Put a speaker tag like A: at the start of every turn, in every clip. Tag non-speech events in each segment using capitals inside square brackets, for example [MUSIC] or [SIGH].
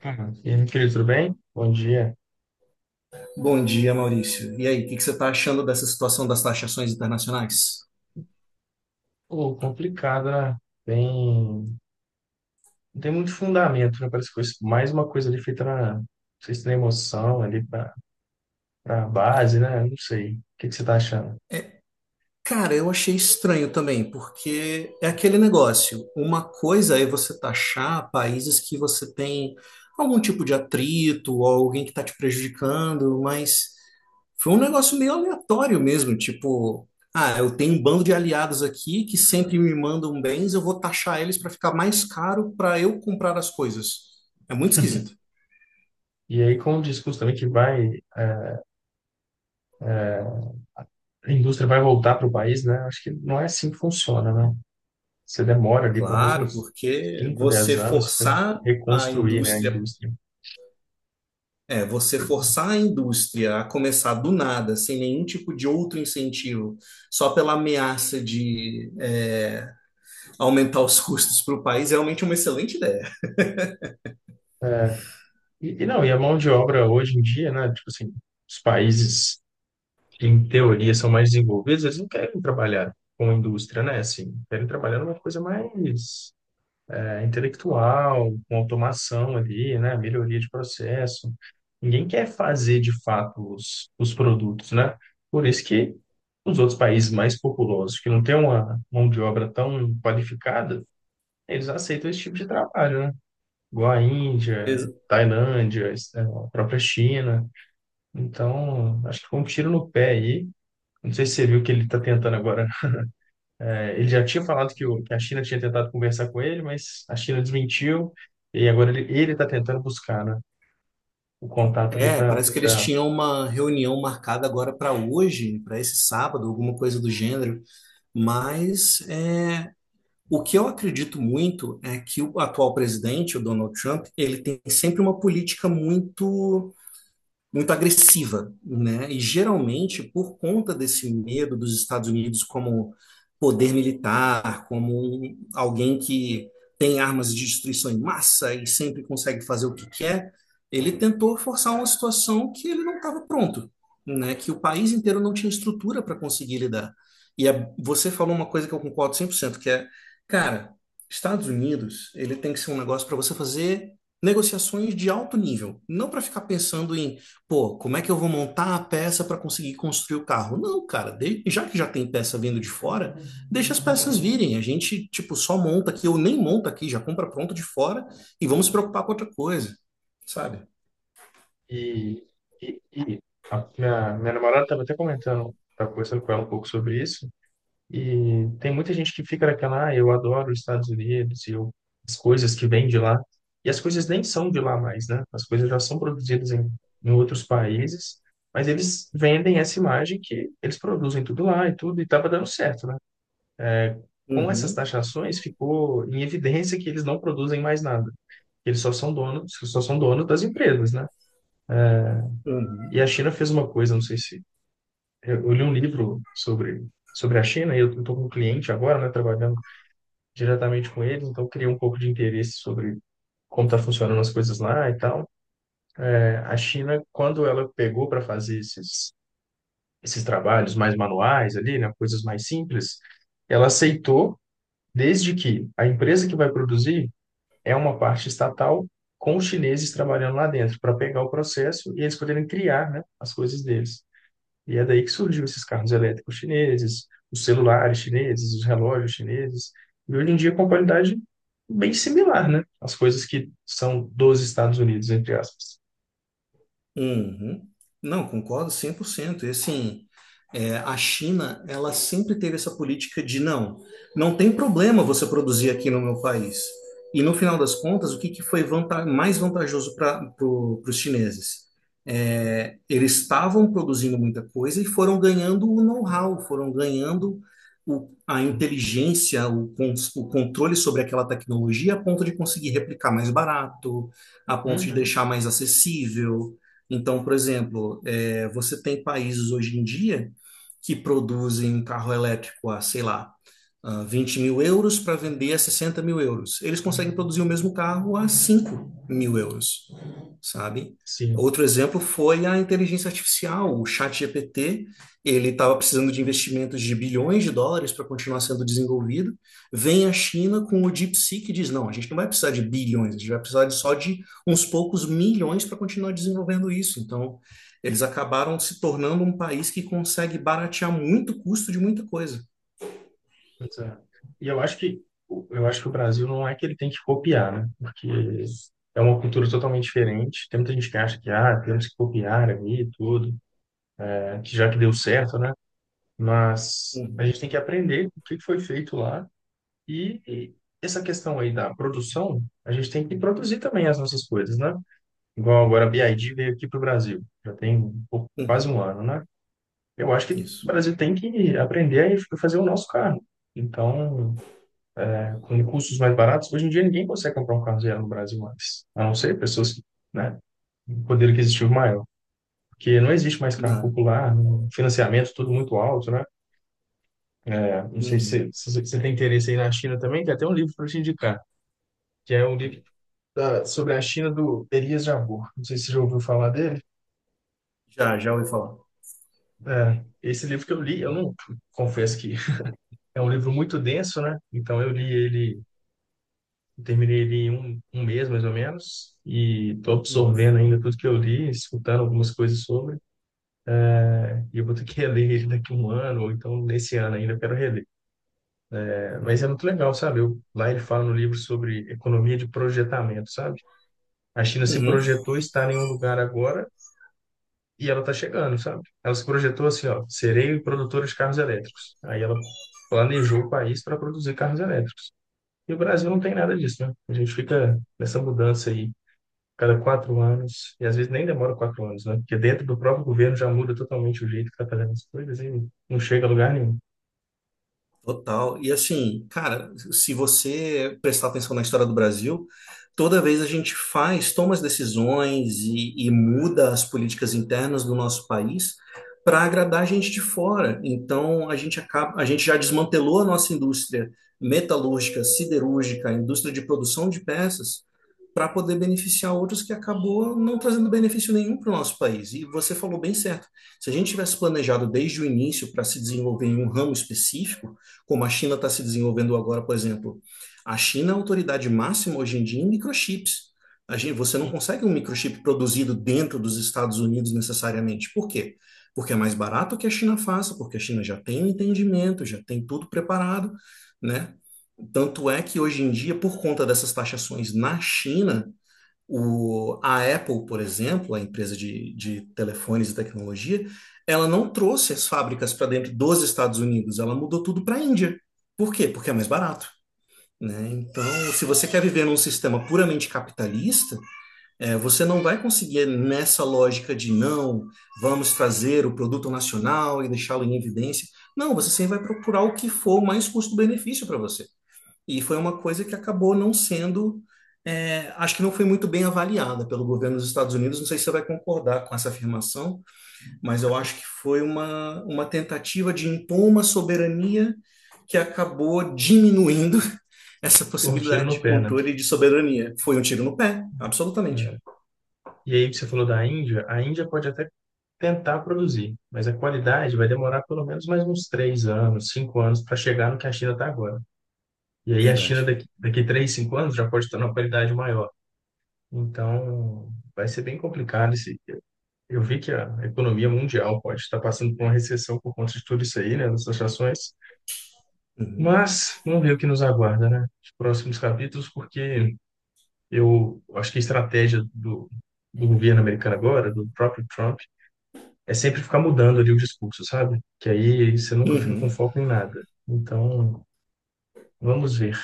A: Ah, e aí, meu querido, tudo bem? Bom dia.
B: Bom dia, Maurício. E aí, o que que você está achando dessa situação das taxações internacionais?
A: Pô, complicado, né? Tem... Não tem muito fundamento, né? Parece mais uma coisa ali feita Não sei se tem emoção ali pra base, né? Não sei. O que que você tá achando?
B: Cara, eu achei estranho também, porque é aquele negócio. Uma coisa é você taxar países que você tem algum tipo de atrito ou alguém que está te prejudicando, mas foi um negócio meio aleatório mesmo, tipo, ah, eu tenho um bando de aliados aqui que sempre me mandam bens, eu vou taxar eles para ficar mais caro para eu comprar as coisas. É muito esquisito.
A: E aí, com o discurso também que vai... é, a indústria vai voltar pro país, né? Acho que não é assim que funciona, né? Você demora ali pelo menos
B: Claro,
A: uns
B: porque
A: 5,
B: você
A: 10 anos para
B: forçar a
A: reconstruir, né, a
B: indústria,
A: indústria.
B: é, você forçar a indústria a começar do nada, sem nenhum tipo de outro incentivo, só pela ameaça de aumentar os [LAUGHS] custos para o país, é realmente uma excelente ideia.
A: E não, e a mão de obra hoje em dia, né? Tipo assim, os países... que em teoria são mais desenvolvidos, eles não querem trabalhar com indústria, né? Assim, querem trabalhar numa coisa mais intelectual, com automação ali, né? Melhoria de processo. Ninguém quer fazer de fato os produtos, né? Por isso que os outros países mais populosos, que não têm uma mão de obra tão qualificada, eles aceitam esse tipo de trabalho, né? Igual a Índia,
B: Ex-
A: Tailândia, a própria China. Então, acho que foi um tiro no pé aí, não sei se você viu que ele está tentando agora. É, ele já tinha falado que, que a China tinha tentado conversar com ele, mas a China desmentiu. E agora ele está tentando buscar, né, o contato ali
B: É,
A: para
B: parece que eles
A: tentar.
B: tinham uma reunião marcada agora para hoje, para esse sábado, alguma coisa do gênero, mas o que eu acredito muito é que o atual presidente, o Donald Trump, ele tem sempre uma política muito agressiva, né? E geralmente por conta desse medo dos Estados Unidos como poder militar, como alguém que tem armas de destruição em massa e sempre consegue fazer o que quer, ele tentou forçar uma situação que ele não estava pronto, né? Que o país inteiro não tinha estrutura para conseguir lidar. E você falou uma coisa que eu concordo 100%, que é, cara, Estados Unidos, ele tem que ser um negócio para você fazer negociações de alto nível, não para ficar pensando em pô, como é que eu vou montar a peça para conseguir construir o carro? Não, cara, já que já tem peça vindo de fora, deixa as peças virem. A gente, tipo, só monta aqui, ou nem monta aqui, já compra pronto de fora e vamos se preocupar com outra coisa, sabe?
A: E, e a minha namorada estava até comentando, estava conversando com ela um pouco sobre isso. E tem muita gente que fica naquela, ah, eu adoro os Estados Unidos e eu, as coisas que vêm de lá. E as coisas nem são de lá mais, né? As coisas já são produzidas em outros países, mas eles vendem essa imagem que eles produzem tudo lá e tudo, e estava dando certo, né? Com essas
B: Uhum,
A: taxações, ficou em evidência que eles não produzem mais nada. Eles só são donos das empresas, né?
B: uhum.
A: E a China fez uma coisa, não sei se... eu li um livro sobre a China, e eu estou com um cliente agora, né, trabalhando diretamente com eles, então criei um pouco de interesse sobre como está funcionando as coisas lá e tal. É, a China, quando ela pegou para fazer esses trabalhos mais manuais ali, né, coisas mais simples, ela aceitou desde que a empresa que vai produzir é uma parte estatal com os chineses trabalhando lá dentro para pegar o processo e eles poderem criar, né, as coisas deles. E é daí que surgiu esses carros elétricos chineses, os celulares chineses, os relógios chineses, e hoje em dia com qualidade bem similar, né? As coisas que são dos Estados Unidos, entre aspas.
B: Uhum. Não, concordo 100%. E assim, é, a China, ela sempre teve essa política de não, não tem problema você produzir aqui no meu país. E no final das contas, o que, que foi mais vantajoso para os chineses? É, eles estavam produzindo muita coisa e foram ganhando o know-how, foram ganhando a inteligência, o, o controle sobre aquela tecnologia a ponto de conseguir replicar mais barato, a ponto de
A: Uhum.
B: deixar mais acessível. Então, por exemplo, é, você tem países hoje em dia que produzem um carro elétrico a, sei lá, ah, 20 mil euros para vender a 60 mil euros. Eles conseguem produzir o mesmo carro a 5 mil euros, sabe?
A: Sim.
B: Outro exemplo foi a inteligência artificial, o ChatGPT. Ele estava precisando de investimentos de bilhões de dólares para continuar sendo desenvolvido. Vem a China com o DeepSeek, que diz: não, a gente não vai precisar de bilhões, a gente vai precisar de só de uns poucos milhões para continuar desenvolvendo isso. Então, eles acabaram se tornando um país que consegue baratear muito o custo de muita coisa.
A: Pois é. E eu acho que eu acho que o Brasil não é que ele tem que copiar, né? Porque é uma cultura totalmente diferente. Tem muita gente que acha que ah, temos que copiar ali e tudo, né? Que já que deu certo, né? Mas a gente
B: Uhum,
A: tem que aprender o que foi feito lá. E essa questão aí da produção, a gente tem que produzir também as nossas coisas, né? Igual agora a BID veio aqui para o Brasil, já tem um quase um
B: uhum,
A: ano, né? Eu acho que o
B: isso.
A: Brasil tem que aprender a fazer o nosso carro. Então, é, com recursos mais baratos, hoje em dia ninguém consegue comprar um carro zero no Brasil mais, a não ser pessoas que, né, um poder aquisitivo maior. Porque não existe mais carro
B: Não,
A: popular, um financiamento tudo muito alto, né? É, não sei se
B: uhum.
A: se você tem interesse aí na China também, tem até um livro para te indicar, que é um livro sobre a China do Elias Jabbour. Não sei se você já ouviu falar dele.
B: Já, já ouvi falar.
A: É, esse livro que eu li, eu não, confesso que é um livro muito denso, né? Então eu li ele, terminei ele em um mês mais ou menos, e estou
B: Uhum,
A: absorvendo ainda tudo que eu li, escutando algumas coisas sobre, e eu vou ter que reler ele daqui a 1 ano, ou então nesse ano ainda eu quero reler. É, mas é muito legal, sabe? Eu, lá ele fala no livro sobre economia de projetamento, sabe? A China se
B: uhum.
A: projetou estar em um lugar agora. E ela tá chegando, sabe? Ela se projetou assim, ó, serei produtora de carros elétricos. Aí ela planejou o país para produzir carros elétricos. E o Brasil não tem nada disso, né? A gente fica nessa mudança aí cada 4 anos, e às vezes nem demora 4 anos, né? Porque dentro do próprio governo já muda totalmente o jeito que tá fazendo as coisas e não chega a lugar nenhum.
B: Total. E assim, cara, se você prestar atenção na história do Brasil, toda vez a gente faz, toma as decisões e muda as políticas internas do nosso país para agradar a gente de fora. Então a gente acaba, a gente já desmantelou a nossa indústria metalúrgica, siderúrgica, a indústria de produção de peças para poder beneficiar outros, que acabou não trazendo benefício nenhum para o nosso país. E você falou bem certo. Se a gente tivesse planejado desde o início para se desenvolver em um ramo específico, como a China está se desenvolvendo agora, por exemplo, a China é a autoridade máxima hoje em dia em microchips. A gente, você não
A: Sim.
B: consegue um microchip produzido dentro dos Estados Unidos necessariamente. Por quê? Porque é mais barato que a China faça, porque a China já tem o entendimento, já tem tudo preparado, né? Tanto é que hoje em dia, por conta dessas taxações na China, o, a Apple, por exemplo, a empresa de telefones e tecnologia, ela não trouxe as fábricas para dentro dos Estados Unidos, ela mudou tudo para a Índia. Por quê? Porque é mais barato, né? Então, se você quer viver num sistema puramente capitalista, é, você não vai conseguir nessa lógica de não, vamos trazer o produto nacional e deixá-lo em evidência. Não, você sempre vai procurar o que for mais custo-benefício para você. E foi uma coisa que acabou não sendo, é, acho que não foi muito bem avaliada pelo governo dos Estados Unidos. Não sei se você vai concordar com essa afirmação, mas eu acho que foi uma tentativa de impor uma soberania que acabou diminuindo essa
A: Um tiro
B: possibilidade
A: no
B: de
A: pé, né?
B: controle e de soberania. Foi um tiro no pé, absolutamente.
A: É. E aí que você falou da Índia, a Índia pode até tentar produzir, mas a qualidade vai demorar pelo menos mais uns 3 anos, 5 anos para chegar no que a China está agora. E aí a China
B: Verdade.
A: daqui, daqui 3 5 anos já pode estar numa qualidade maior. Então, vai ser bem complicado esse. Eu vi que a economia mundial pode estar passando por uma recessão por conta de tudo isso aí, né, das ações.
B: Uhum.
A: Mas vamos ver o que nos aguarda, né, os próximos capítulos, porque eu acho que a estratégia do governo americano agora, do próprio Trump, é sempre ficar mudando ali o discurso, sabe? Que aí você nunca fica com
B: Uhum.
A: foco em nada. Então, vamos ver.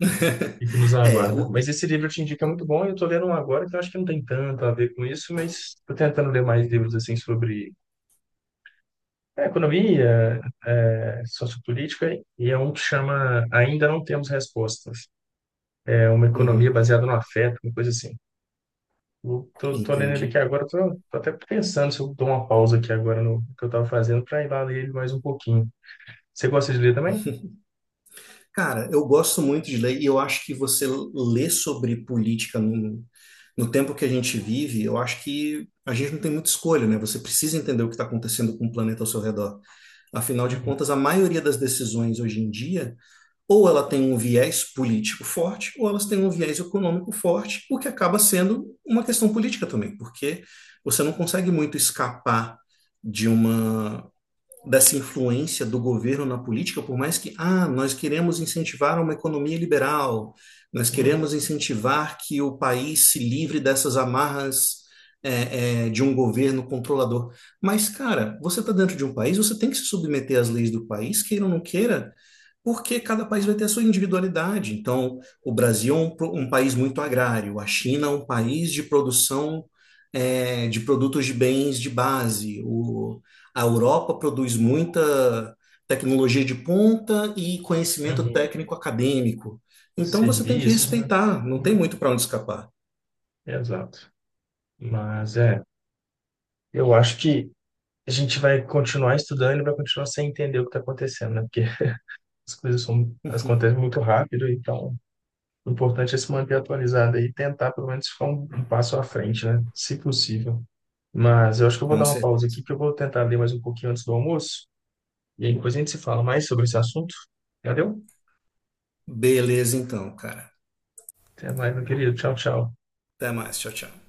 B: [LAUGHS]
A: E que nos
B: É,
A: aguarda.
B: o-
A: Mas esse livro eu te indico é muito bom, e eu estou lendo um agora que eu acho que não tem tanto a ver com isso, mas estou tentando ler mais livros assim sobre economia, sociopolítica, e é um que chama Ainda Não Temos Respostas. É uma economia
B: uhum.
A: baseada no afeto, uma coisa assim. Eu tô lendo ele aqui
B: Entendi.
A: agora, tô até pensando se eu dou uma pausa aqui agora no que eu estava fazendo para ir lá ler ele mais um pouquinho. Você gosta de ler também?
B: Cara, eu gosto muito de ler e eu acho que você ler sobre política no, no tempo que a gente vive, eu acho que a gente não tem muita escolha, né? Você precisa entender o que está acontecendo com o planeta ao seu redor. Afinal de
A: Uhum,
B: contas, a maioria das decisões hoje em dia ou ela tem um viés político forte, ou elas têm um viés econômico forte, o que acaba sendo uma questão política também, porque você não consegue muito escapar de uma dessa influência do governo na política, por mais que, ah, nós queremos incentivar uma economia liberal, nós queremos
A: uhum,
B: incentivar que o país se livre dessas amarras, de um governo controlador. Mas, cara, você está dentro de um país, você tem que se submeter às leis do país, queira ou não queira, porque cada país vai ter a sua individualidade. Então, o Brasil é um, um país muito agrário, a China é um país de produção, de produtos de bens de base, o, a Europa produz muita tecnologia de ponta e conhecimento
A: uhum.
B: técnico acadêmico. Então, você tem que
A: Serviços, né?
B: respeitar, não tem muito para onde escapar,
A: Exato. Mas é, eu acho que a gente vai continuar estudando e vai continuar sem entender o que está acontecendo, né? Porque as coisas são, elas acontecem muito rápido, então o importante é se manter atualizado e tentar pelo menos ficar um passo à frente, né? Se possível. Mas eu acho que eu vou
B: com
A: dar uma pausa
B: certeza.
A: aqui, que eu vou tentar ler mais um pouquinho antes do almoço, e aí depois a gente se fala mais sobre esse assunto. Valeu?
B: Beleza, então, cara.
A: Até mais, meu querido. Tchau, tchau.
B: Até mais, tchau, tchau.